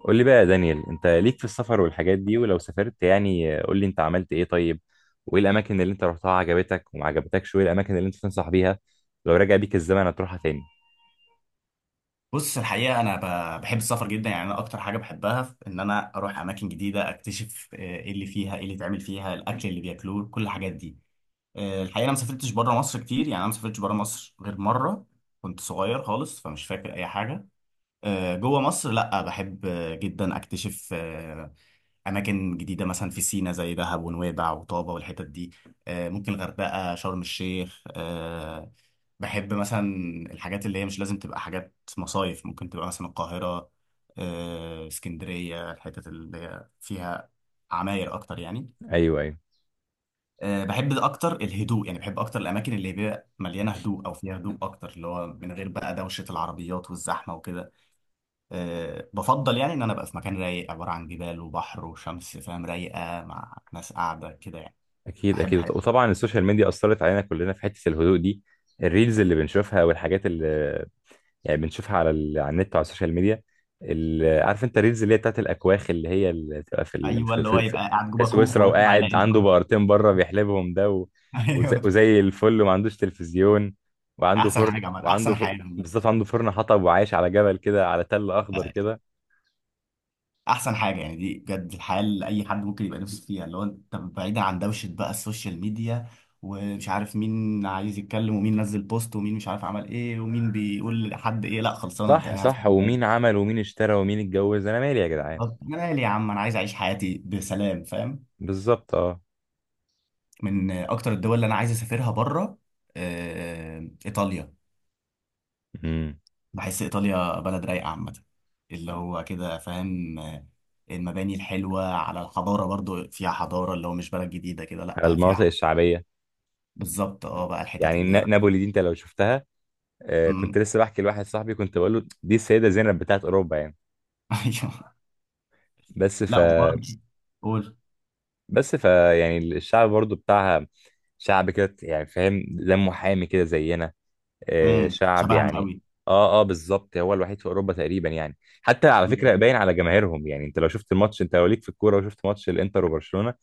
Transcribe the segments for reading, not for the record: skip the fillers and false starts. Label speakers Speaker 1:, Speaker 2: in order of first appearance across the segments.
Speaker 1: قول لي بقى يا دانيال، انت ليك في السفر والحاجات دي، ولو سافرت يعني قول لي انت عملت ايه؟ طيب وايه الاماكن اللي انت رحتها عجبتك وما عجبتكش؟ وايه الاماكن اللي انت تنصح بيها لو رجع بيك الزمن هتروحها تاني؟
Speaker 2: بص الحقيقة أنا بحب السفر جدا. يعني أنا أكتر حاجة بحبها في إن أنا أروح أماكن جديدة أكتشف إيه اللي فيها، إيه اللي اتعمل فيها، الأكل اللي بياكلوه، كل الحاجات دي. الحقيقة أنا ما سافرتش بره مصر كتير. يعني أنا ما سافرتش بره مصر غير مرة، كنت صغير خالص فمش فاكر أي حاجة. جوه مصر لأ، بحب جدا أكتشف اماكن جديده، مثلا في سينا زي دهب ونويبع وطابه والحتت دي. ممكن غردقه، شرم الشيخ. بحب مثلا الحاجات اللي هي مش لازم تبقى حاجات مصايف، ممكن تبقى مثلا القاهره، اسكندريه، الحتت اللي هي فيها عماير اكتر يعني.
Speaker 1: ايوه ايوه.
Speaker 2: بحب اكتر الهدوء، يعني بحب اكتر الاماكن اللي بيبقى مليانه هدوء او فيها هدوء اكتر، اللي هو من غير بقى دوشه العربيات والزحمه وكده. أه بفضل يعني ان انا ابقى في مكان رايق، عباره عن جبال وبحر وشمس، فاهم؟ رايقه مع ناس قاعده كده يعني.
Speaker 1: اكيد
Speaker 2: بحب
Speaker 1: اكيد، وط-
Speaker 2: الحاجات.
Speaker 1: وطبعا السوشيال ميديا اثرت علينا كلنا في حتة الهدوء دي. الريلز اللي بنشوفها والحاجات اللي يعني بنشوفها على على النت وعلى السوشيال ميديا. عارف انت الريلز اللي هي بتاعت الاكواخ، اللي هي اللي بتبقى في ال...
Speaker 2: ايوه
Speaker 1: في...
Speaker 2: اللي هو
Speaker 1: في... في
Speaker 2: يبقى قاعد
Speaker 1: في
Speaker 2: جوه كوخ
Speaker 1: سويسرا،
Speaker 2: ويطلع
Speaker 1: وقاعد
Speaker 2: يلاقي
Speaker 1: عنده
Speaker 2: البحر.
Speaker 1: بقرتين بره بيحلبهم ده، و... وزي...
Speaker 2: ايوه.
Speaker 1: وزي الفل، وما عندوش تلفزيون وعنده
Speaker 2: احسن
Speaker 1: فرن
Speaker 2: حاجه، عمل احسن حياه، عمل
Speaker 1: بالظبط. عنده فرن حطب وعايش على جبل كده، على تل اخضر كده.
Speaker 2: احسن حاجه يعني. دي بجد الحياه اللي اي حد ممكن يبقى نفسه فيها، اللي هو انت بعيدا عن دوشه بقى السوشيال ميديا ومش عارف مين عايز يتكلم ومين نزل بوست ومين مش عارف عمل ايه ومين بيقول لحد ايه، لا خلصانه انت
Speaker 1: صح
Speaker 2: قاعد في
Speaker 1: صح، ومين
Speaker 2: البيت.
Speaker 1: عمل ومين اشترى ومين اتجوز، انا مالي يا جدعان؟
Speaker 2: بالظبط. انا مالي يا عم، انا عايز اعيش حياتي بسلام، فاهم؟
Speaker 1: بالظبط، اه.
Speaker 2: من اكتر الدول اللي انا عايز اسافرها بره ايطاليا.
Speaker 1: امم.
Speaker 2: بحس ايطاليا بلد رايقه عامه، اللي هو كده فاهم. المباني الحلوه، على الحضاره برضو فيها حضاره، اللي هو مش بلد جديده كده،
Speaker 1: على
Speaker 2: لا فيها
Speaker 1: المناطق الشعبيه.
Speaker 2: بالظبط. اه بقى الحتت
Speaker 1: يعني
Speaker 2: اللي هي بقى.
Speaker 1: نابولي دي انت لو شفتها، آه، كنت
Speaker 2: مم.
Speaker 1: لسه بحكي لواحد صاحبي كنت بقول له دي السيدة زينب بتاعت أوروبا يعني.
Speaker 2: ايوه.
Speaker 1: بس ف
Speaker 2: لا وبرضه قول.
Speaker 1: بس يعني الشعب برضو بتاعها. شعب كده يعني، فاهم، دمه حامي كده زينا. آه،
Speaker 2: مم.
Speaker 1: شعب
Speaker 2: شبهنا
Speaker 1: يعني.
Speaker 2: قوي.
Speaker 1: اه اه بالظبط، هو الوحيد في أوروبا تقريبا يعني. حتى على
Speaker 2: مم.
Speaker 1: فكرة باين على جماهيرهم، يعني انت لو شفت الماتش، انت لو ليك في الكورة وشفت ماتش الانتر وبرشلونة،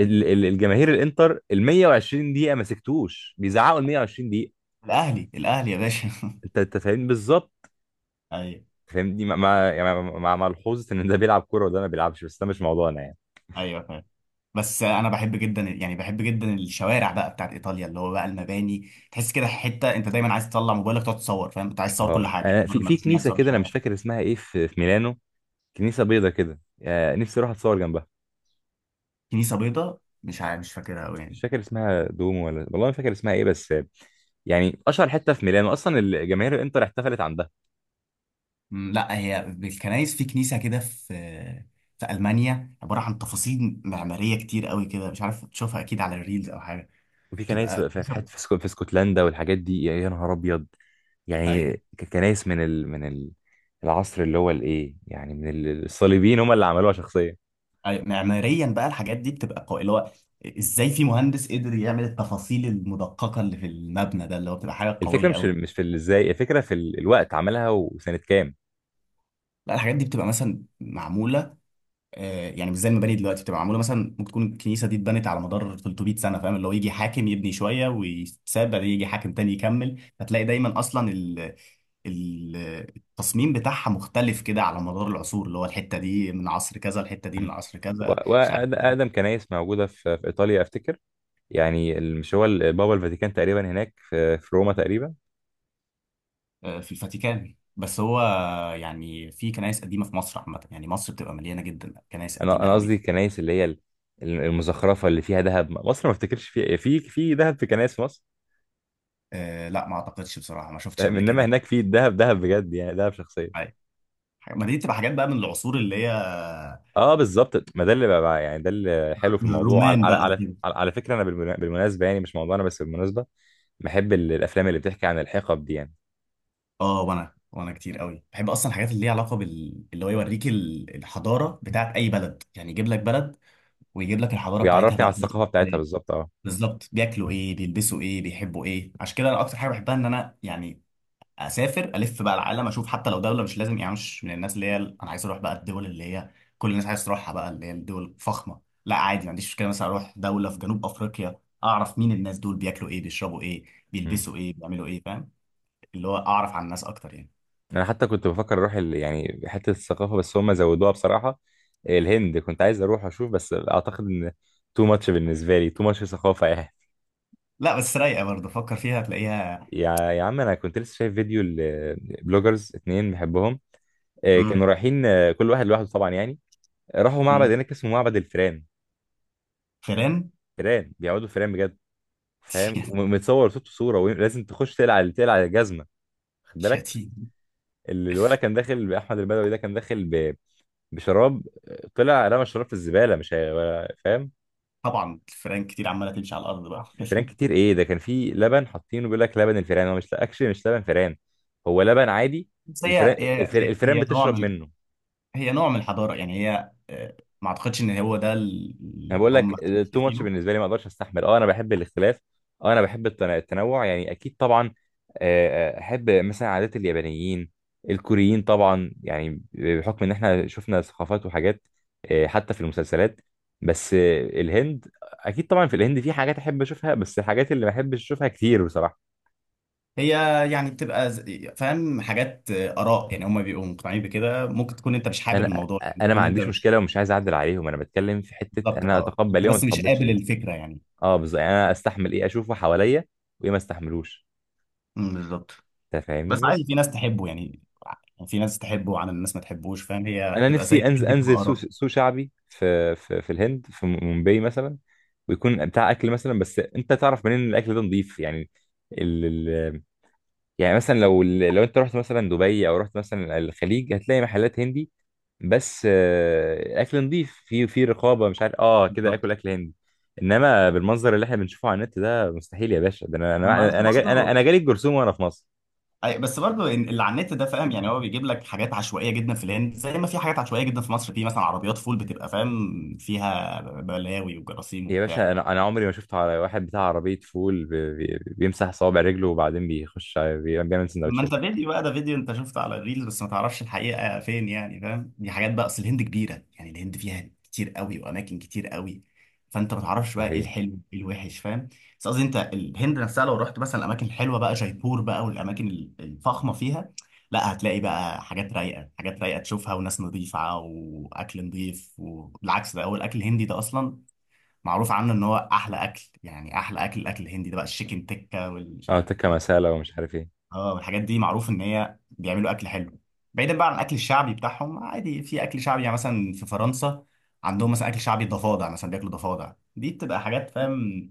Speaker 1: الجماهير الانتر ال 120 دقيقة ما سكتوش، بيزعقوا ال 120 دقيقة.
Speaker 2: الاهلي الاهلي يا باشا.
Speaker 1: انت فاهم بالظبط،
Speaker 2: ايوه.
Speaker 1: فاهمني. مع مع يعني مع مع ملحوظه ان ده بيلعب كوره وده ما بيلعبش، بس ده مش موضوعنا يعني.
Speaker 2: ايوه فاهم. بس انا بحب جدا، يعني بحب جدا الشوارع بقى بتاعت ايطاليا، اللي هو بقى المباني، تحس كده حته انت دايما عايز تطلع موبايلك تقعد تصور، فاهم؟ انت عايز تصور كل
Speaker 1: اه،
Speaker 2: حاجه، عايز
Speaker 1: انا
Speaker 2: تصور
Speaker 1: في
Speaker 2: المباني، عايز
Speaker 1: كنيسه
Speaker 2: تصور
Speaker 1: كده، انا
Speaker 2: الشوارع.
Speaker 1: مش فاكر اسمها ايه، في ميلانو. كنيسه بيضه كده، آه، نفسي اروح اتصور جنبها.
Speaker 2: كنيسه بيضاء؟ مش عارف، مش فاكرها قوي
Speaker 1: مش
Speaker 2: يعني.
Speaker 1: فاكر اسمها دومو ولا، والله ما فاكر اسمها ايه، بس آه، يعني اشهر حته في ميلانو اصلا، الجماهير الانتر احتفلت عندها.
Speaker 2: أمم، لا. هي بالكنايس، في كنيسه كده في في المانيا عباره عن تفاصيل معماريه كتير قوي كده، مش عارف تشوفها اكيد على الريلز او حاجه،
Speaker 1: وفي كنايس
Speaker 2: تبقى
Speaker 1: في حته
Speaker 2: كنيسه.
Speaker 1: في اسكتلندا والحاجات دي، يا يا نهار ابيض يعني.
Speaker 2: ايوه.
Speaker 1: كنايس من العصر اللي هو الايه يعني، من الصليبيين هم اللي عملوها شخصيا.
Speaker 2: أيوة. معماريا بقى الحاجات دي بتبقى قوي، اللي هو ازاي في مهندس قدر يعمل التفاصيل المدققه اللي في المبنى ده، اللي هو بتبقى حاجه
Speaker 1: الفكره
Speaker 2: قويه
Speaker 1: مش
Speaker 2: قوي.
Speaker 1: مش في ازاي، الفكره في الوقت عملها وسنه كام.
Speaker 2: لا الحاجات دي بتبقى مثلا معموله يعني مش زي المباني دلوقتي. بتبقى معموله مثلا، ممكن تكون الكنيسه دي اتبنت على مدار 300 سنه، فاهم؟ اللي هو يجي حاكم يبني شويه ويتساب، بعدين يجي حاكم تاني يكمل، فتلاقي دايما اصلا ال- التصميم بتاعها مختلف كده على مدار العصور، اللي هو الحته دي من عصر كذا، الحته دي من
Speaker 1: مم.
Speaker 2: عصر كذا، مش عارف.
Speaker 1: واقدم كنايس موجوده في ايطاليا افتكر، يعني ال- مش هو ال- بابا الفاتيكان تقريبا هناك في روما تقريبا.
Speaker 2: في الفاتيكان. بس هو يعني في كنائس قديمه في مصر عامه، يعني مصر بتبقى مليانه جدا كنائس
Speaker 1: انا
Speaker 2: قديمه
Speaker 1: انا قصدي
Speaker 2: قوي.
Speaker 1: الكنايس اللي هي المزخرفه اللي فيها ذهب. مصر ما افتكرش فيها، في ذهب في كنايس في مصر،
Speaker 2: لا ما اعتقدش بصراحه، ما شفتش
Speaker 1: فاهم،
Speaker 2: قبل كده
Speaker 1: انما
Speaker 2: يعني.
Speaker 1: هناك في ذهب ذهب بجد يعني، ذهب شخصيه.
Speaker 2: ما دي بتبقى حاجات بقى من العصور اللي هي
Speaker 1: اه بالظبط، ما ده اللي يعني ده اللي حلو في الموضوع. على
Speaker 2: الرومان
Speaker 1: على
Speaker 2: بقى
Speaker 1: على,
Speaker 2: وكده.
Speaker 1: على على فكره، انا بالمناسبه يعني، مش موضوعنا بس بالمناسبه، بحب الافلام اللي بتحكي عن الحقب دي يعني.
Speaker 2: اه وانا، كتير قوي بحب اصلا الحاجات اللي ليها علاقه بال، اللي هو يوريك الحضاره بتاعت اي بلد، يعني يجيب لك بلد ويجيب لك الحضاره بتاعتها
Speaker 1: بيعرفني على
Speaker 2: بقى.
Speaker 1: الثقافة بتاعتها بالظبط، اه.
Speaker 2: بالظبط، بياكلوا ايه، بيلبسوا ايه، بيحبوا ايه. عشان كده انا اكتر حاجه بحبها ان انا يعني اسافر الف بقى العالم، اشوف حتى لو دوله، مش لازم يعني مش من الناس اللي هي انا عايز اروح بقى الدول اللي هي كل الناس عايز تروحها بقى، اللي هي الدول الفخمه. لا عادي، ما عنديش مشكله مثلا اروح دوله في جنوب افريقيا، اعرف مين الناس دول، بياكلوا ايه، بيشربوا ايه،
Speaker 1: مم.
Speaker 2: بيلبسوا ايه، بيعملوا ايه، فاهم؟ اللي هو اعرف عن الناس اكتر يعني.
Speaker 1: انا حتى كنت بفكر اروح يعني حتة الثقافة، بس هم زودوها بصراحة. الهند كنت عايز اروح اشوف، بس اعتقد ان تو ماتش بالنسبة لي، تو ماتش ثقافة يعني.
Speaker 2: لا بس رايقه برضه، فكر فيها هتلاقيها.
Speaker 1: يا عم، انا كنت لسه شايف فيديو البلوجرز اتنين بحبهم، آه، كانوا
Speaker 2: امم.
Speaker 1: رايحين آه، كل واحد لوحده طبعا يعني. راحوا
Speaker 2: امم.
Speaker 1: معبد هناك اسمه معبد الفيران.
Speaker 2: فيران.
Speaker 1: فيران بيعبدوا فيران بجد، فاهم، ومتصور صوته صورة، ولازم تخش تقلع تقلع الجزمة. خد بالك،
Speaker 2: شتيم.
Speaker 1: الولد كان داخل باحمد البدوي، ده كان داخل بشراب، طلع رمى الشراب في الزباله مش هي فاهم.
Speaker 2: طبعا الفيران كتير عماله تمشي على الارض بقى.
Speaker 1: فران كتير، ايه ده، كان في لبن حاطينه بيقول لك لبن الفئران، هو مش اكشلي مش لبن فئران، هو لبن عادي.
Speaker 2: بس
Speaker 1: الفئران الفئران
Speaker 2: هي نوع
Speaker 1: بتشرب
Speaker 2: من،
Speaker 1: منه.
Speaker 2: هي نوع من الحضارة يعني. هي ما اعتقدش ان هو ده
Speaker 1: انا
Speaker 2: اللي
Speaker 1: بقول
Speaker 2: هم
Speaker 1: لك تو ماتش
Speaker 2: شايفينه.
Speaker 1: بالنسبه لي، ما اقدرش استحمل، اه. انا بحب الاختلاف، اه، انا بحب التنوع يعني، اكيد طبعا. آه، آه، احب مثلا عادات اليابانيين الكوريين طبعا، يعني بحكم ان احنا شفنا ثقافات وحاجات، آه، حتى في المسلسلات. بس آه، الهند اكيد طبعا، في الهند في حاجات احب اشوفها، بس الحاجات اللي ما احبش اشوفها كتير بصراحه.
Speaker 2: هي يعني بتبقى فاهم حاجات، آراء. يعني هم بيبقوا مقتنعين بكده، ممكن تكون انت مش حابب
Speaker 1: انا
Speaker 2: الموضوع،
Speaker 1: آه،
Speaker 2: يعني
Speaker 1: انا ما
Speaker 2: تكون انت
Speaker 1: عنديش
Speaker 2: مش.
Speaker 1: مشكله ومش عايز اعدل عليهم، انا بتكلم في حته
Speaker 2: بالظبط
Speaker 1: انا
Speaker 2: اه،
Speaker 1: اتقبل
Speaker 2: انت
Speaker 1: ايه وما
Speaker 2: بس مش
Speaker 1: اتقبلش
Speaker 2: قابل
Speaker 1: ايه.
Speaker 2: الفكرة يعني.
Speaker 1: اه بالظبط يعني، انا استحمل ايه اشوفه حواليا وايه ما استحملوش.
Speaker 2: أمم، بالظبط.
Speaker 1: انت
Speaker 2: بس
Speaker 1: فاهمني
Speaker 2: عادي،
Speaker 1: بس.
Speaker 2: في ناس تحبه يعني. يعني في ناس تحبه وعن الناس ما تحبوش، فاهم؟ هي
Speaker 1: انا
Speaker 2: تبقى زي
Speaker 1: نفسي انزل
Speaker 2: دي، بتبقى
Speaker 1: انزل سوق
Speaker 2: آراء.
Speaker 1: سوق شعبي في الهند، في مومباي مثلا، ويكون بتاع اكل مثلا، بس انت تعرف منين ان الاكل ده نظيف يعني؟ ال ال يعني مثلا لو انت رحت مثلا دبي او رحت مثلا الخليج، هتلاقي محلات هندي بس آه، اكل نظيف، في في رقابه، مش عارف، اه كده، اكل
Speaker 2: بالظبط.
Speaker 1: اكل هندي. انما بالمنظر اللي احنا بنشوفه على النت ده مستحيل يا باشا. ده انا
Speaker 2: ما انت
Speaker 1: انا انا جا- انا
Speaker 2: برضه.
Speaker 1: أنا جالي الجرثومه وانا في مصر.
Speaker 2: أي، بس برضه اللي على النت ده، فاهم؟ يعني هو بيجيب لك حاجات عشوائيه جدا في الهند، زي ما في حاجات عشوائيه جدا في مصر، في مثلا عربيات فول بتبقى فاهم فيها بلاوي وجراثيم
Speaker 1: يا باشا،
Speaker 2: وبتاع.
Speaker 1: انا عمري ما شفت على واحد بتاع عربيه فول بيمسح صوابع رجله وبعدين بيخش بيعمل
Speaker 2: ما
Speaker 1: سندوتشات.
Speaker 2: انت فيديو بقى ده، فيديو انت شفته على الريلز، بس ما تعرفش الحقيقة فين، يعني فاهم؟ دي حاجات بقى، اصل الهند كبيرة، يعني الهند فيها كتير قوي، واماكن كتير قوي، فانت ما تعرفش بقى ايه
Speaker 1: صحيح،
Speaker 2: الحلو ايه الوحش، فاهم؟ بس قصدي انت الهند نفسها لو رحت مثلا الاماكن الحلوة بقى، جايبور بقى والاماكن الفخمة فيها، لا هتلاقي بقى حاجات رايقة، حاجات رايقة تشوفها، وناس نظيفة واكل نظيف. والعكس ده، هو الاكل الهندي ده اصلا معروف عنه ان هو احلى اكل، يعني احلى اكل الاكل الهندي ده بقى، الشيكن تكة والمش
Speaker 1: اه.
Speaker 2: عارف
Speaker 1: تكه
Speaker 2: إيه.
Speaker 1: مساله ومش عارف ايه.
Speaker 2: اه، والحاجات دي معروف ان هي بيعملوا اكل حلو. بعيدا بقى عن الاكل الشعبي بتاعهم، عادي في اكل شعبي، يعني مثلا في فرنسا عندهم مثلا اكل شعبي ضفادع، مثلا بياكلوا ضفادع، دي بتبقى حاجات فاهم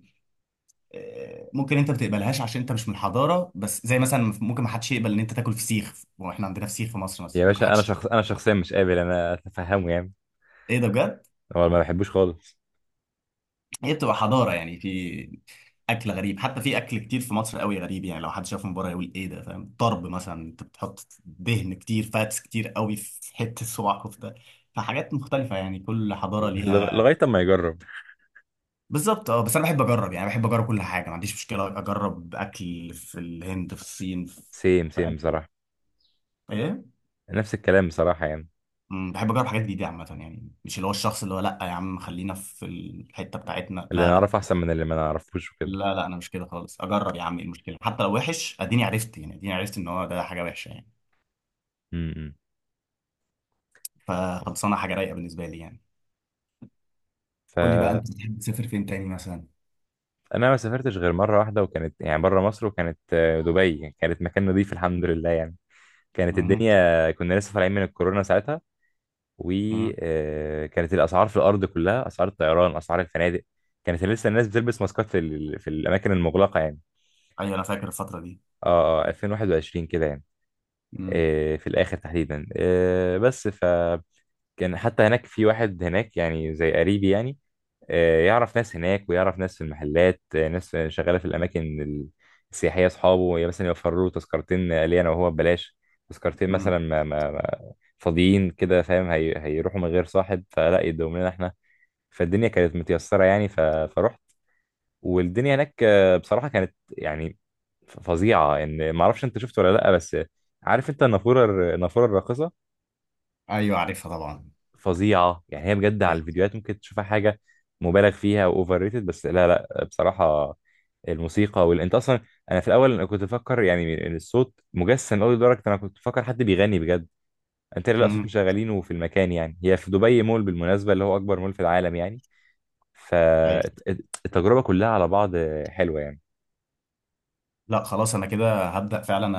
Speaker 2: ممكن انت ما تقبلهاش عشان انت مش من الحضاره، بس زي مثلا ممكن ما حدش يقبل ان انت تاكل فسيخ، واحنا عندنا فسيخ في مصر، مثلا
Speaker 1: يا
Speaker 2: ممكن
Speaker 1: باشا انا
Speaker 2: حدش.
Speaker 1: شخص، انا شخصيا مش قابل انا اتفهمه يعني،
Speaker 2: ايه ده، بجد؟
Speaker 1: هو ما بحبوش خالص.
Speaker 2: هي بتبقى حضاره يعني، في اكل غريب، حتى في اكل كتير في مصر قوي غريب، يعني لو حد شاف من بره يقول ايه ده، فاهم؟ طرب مثلا، انت بتحط دهن كتير، فاتس كتير قوي، في حته صباع كفته. فحاجات مختلفه يعني، كل حضاره ليها.
Speaker 1: لغايه اما يجرب.
Speaker 2: بالظبط اه، بس انا بحب اجرب، يعني بحب اجرب كل حاجه، ما عنديش مشكله اجرب اكل في الهند، في الصين، في
Speaker 1: سيم
Speaker 2: في
Speaker 1: سيم بصراحه،
Speaker 2: ايه.
Speaker 1: نفس الكلام بصراحه يعني.
Speaker 2: أمم، بحب اجرب حاجات جديده عامه، يعني مش اللي هو الشخص اللي هو لا يا عم خلينا في الحته بتاعتنا،
Speaker 1: اللي
Speaker 2: لا لا.
Speaker 1: نعرفه احسن من اللي ما نعرفوش وكده.
Speaker 2: لا لا انا مش كده خالص، اجرب يا عم ايه المشكله؟ حتى لو وحش اديني عرفت، يعني اديني عرفت ان هو ده حاجه وحشه يعني،
Speaker 1: امم.
Speaker 2: فخلصانه حاجه رايقه بالنسبه لي يعني. قول لي بقى
Speaker 1: فانا
Speaker 2: انت بتحب تسافر فين تاني مثلا؟
Speaker 1: ما سافرتش غير مره واحده، وكانت يعني بره مصر، وكانت آه، دبي. كانت مكان نظيف الحمد لله يعني. كانت
Speaker 2: مه.
Speaker 1: الدنيا كنا لسه طالعين من الكورونا ساعتها،
Speaker 2: مه.
Speaker 1: وكانت الاسعار في الارض كلها، اسعار الطيران اسعار الفنادق، كانت لسه الناس بتلبس ماسكات في الاماكن المغلقه يعني.
Speaker 2: ايوه انا فاكر الفتره دي.
Speaker 1: اه اه 2021 كده يعني،
Speaker 2: مم.
Speaker 1: آه، في الاخر تحديدا، آه، بس فكان. حتى هناك في واحد هناك يعني زي قريبي يعني، آه، يعرف ناس هناك ويعرف ناس في المحلات، آه، ناس شغاله في الاماكن السياحيه، اصحابه مثلا يوفروا له تذكرتين ليا انا وهو ببلاش، تذكرتين
Speaker 2: مم.
Speaker 1: مثلا فاضيين كده فاهم، هيروحوا من غير صاحب فلا يدوم لنا احنا، فالدنيا كانت متيسرة يعني، فرحت. والدنيا هناك آه، بصراحة كانت يعني فظيعة ان ما اعرفش، انت شفت ولا لا، بس عارف انت النافورة النافورة الراقصة؟
Speaker 2: ايوه عارفها طبعا.
Speaker 1: فظيعة يعني، هي بجد على
Speaker 2: ايوه.
Speaker 1: الفيديوهات ممكن تشوفها حاجة مبالغ فيها واوفر ريتد، بس لا لا، بصراحة الموسيقى انت اصلا، انا في الاول انا كنت بفكر يعني إن الصوت مجسم قوي، لدرجة انا كنت بفكر حد بيغني بجد. انت لا، صوت
Speaker 2: مم.
Speaker 1: مشغلينه في المكان، يعني هي في دبي مول بالمناسبة، اللي هو اكبر مول في العالم يعني.
Speaker 2: ايوه.
Speaker 1: فالتجربة كلها على بعض حلوة يعني.
Speaker 2: لا خلاص، انا كده هبدا فعلا.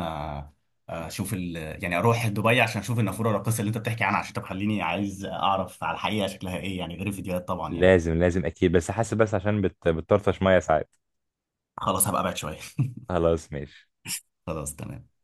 Speaker 2: اشوف يعني اروح دبي عشان اشوف النافوره الراقصه اللي انت بتحكي عنها، عشان تخليني عايز اعرف على الحقيقه شكلها ايه، يعني غير الفيديوهات طبعا يعني.
Speaker 1: لازم لازم أكيد، بس حاسس بس عشان بتطرطش مية ساعات.
Speaker 2: خلاص هبقى ابعد شويه.
Speaker 1: خلاص ماشي.
Speaker 2: خلاص تمام.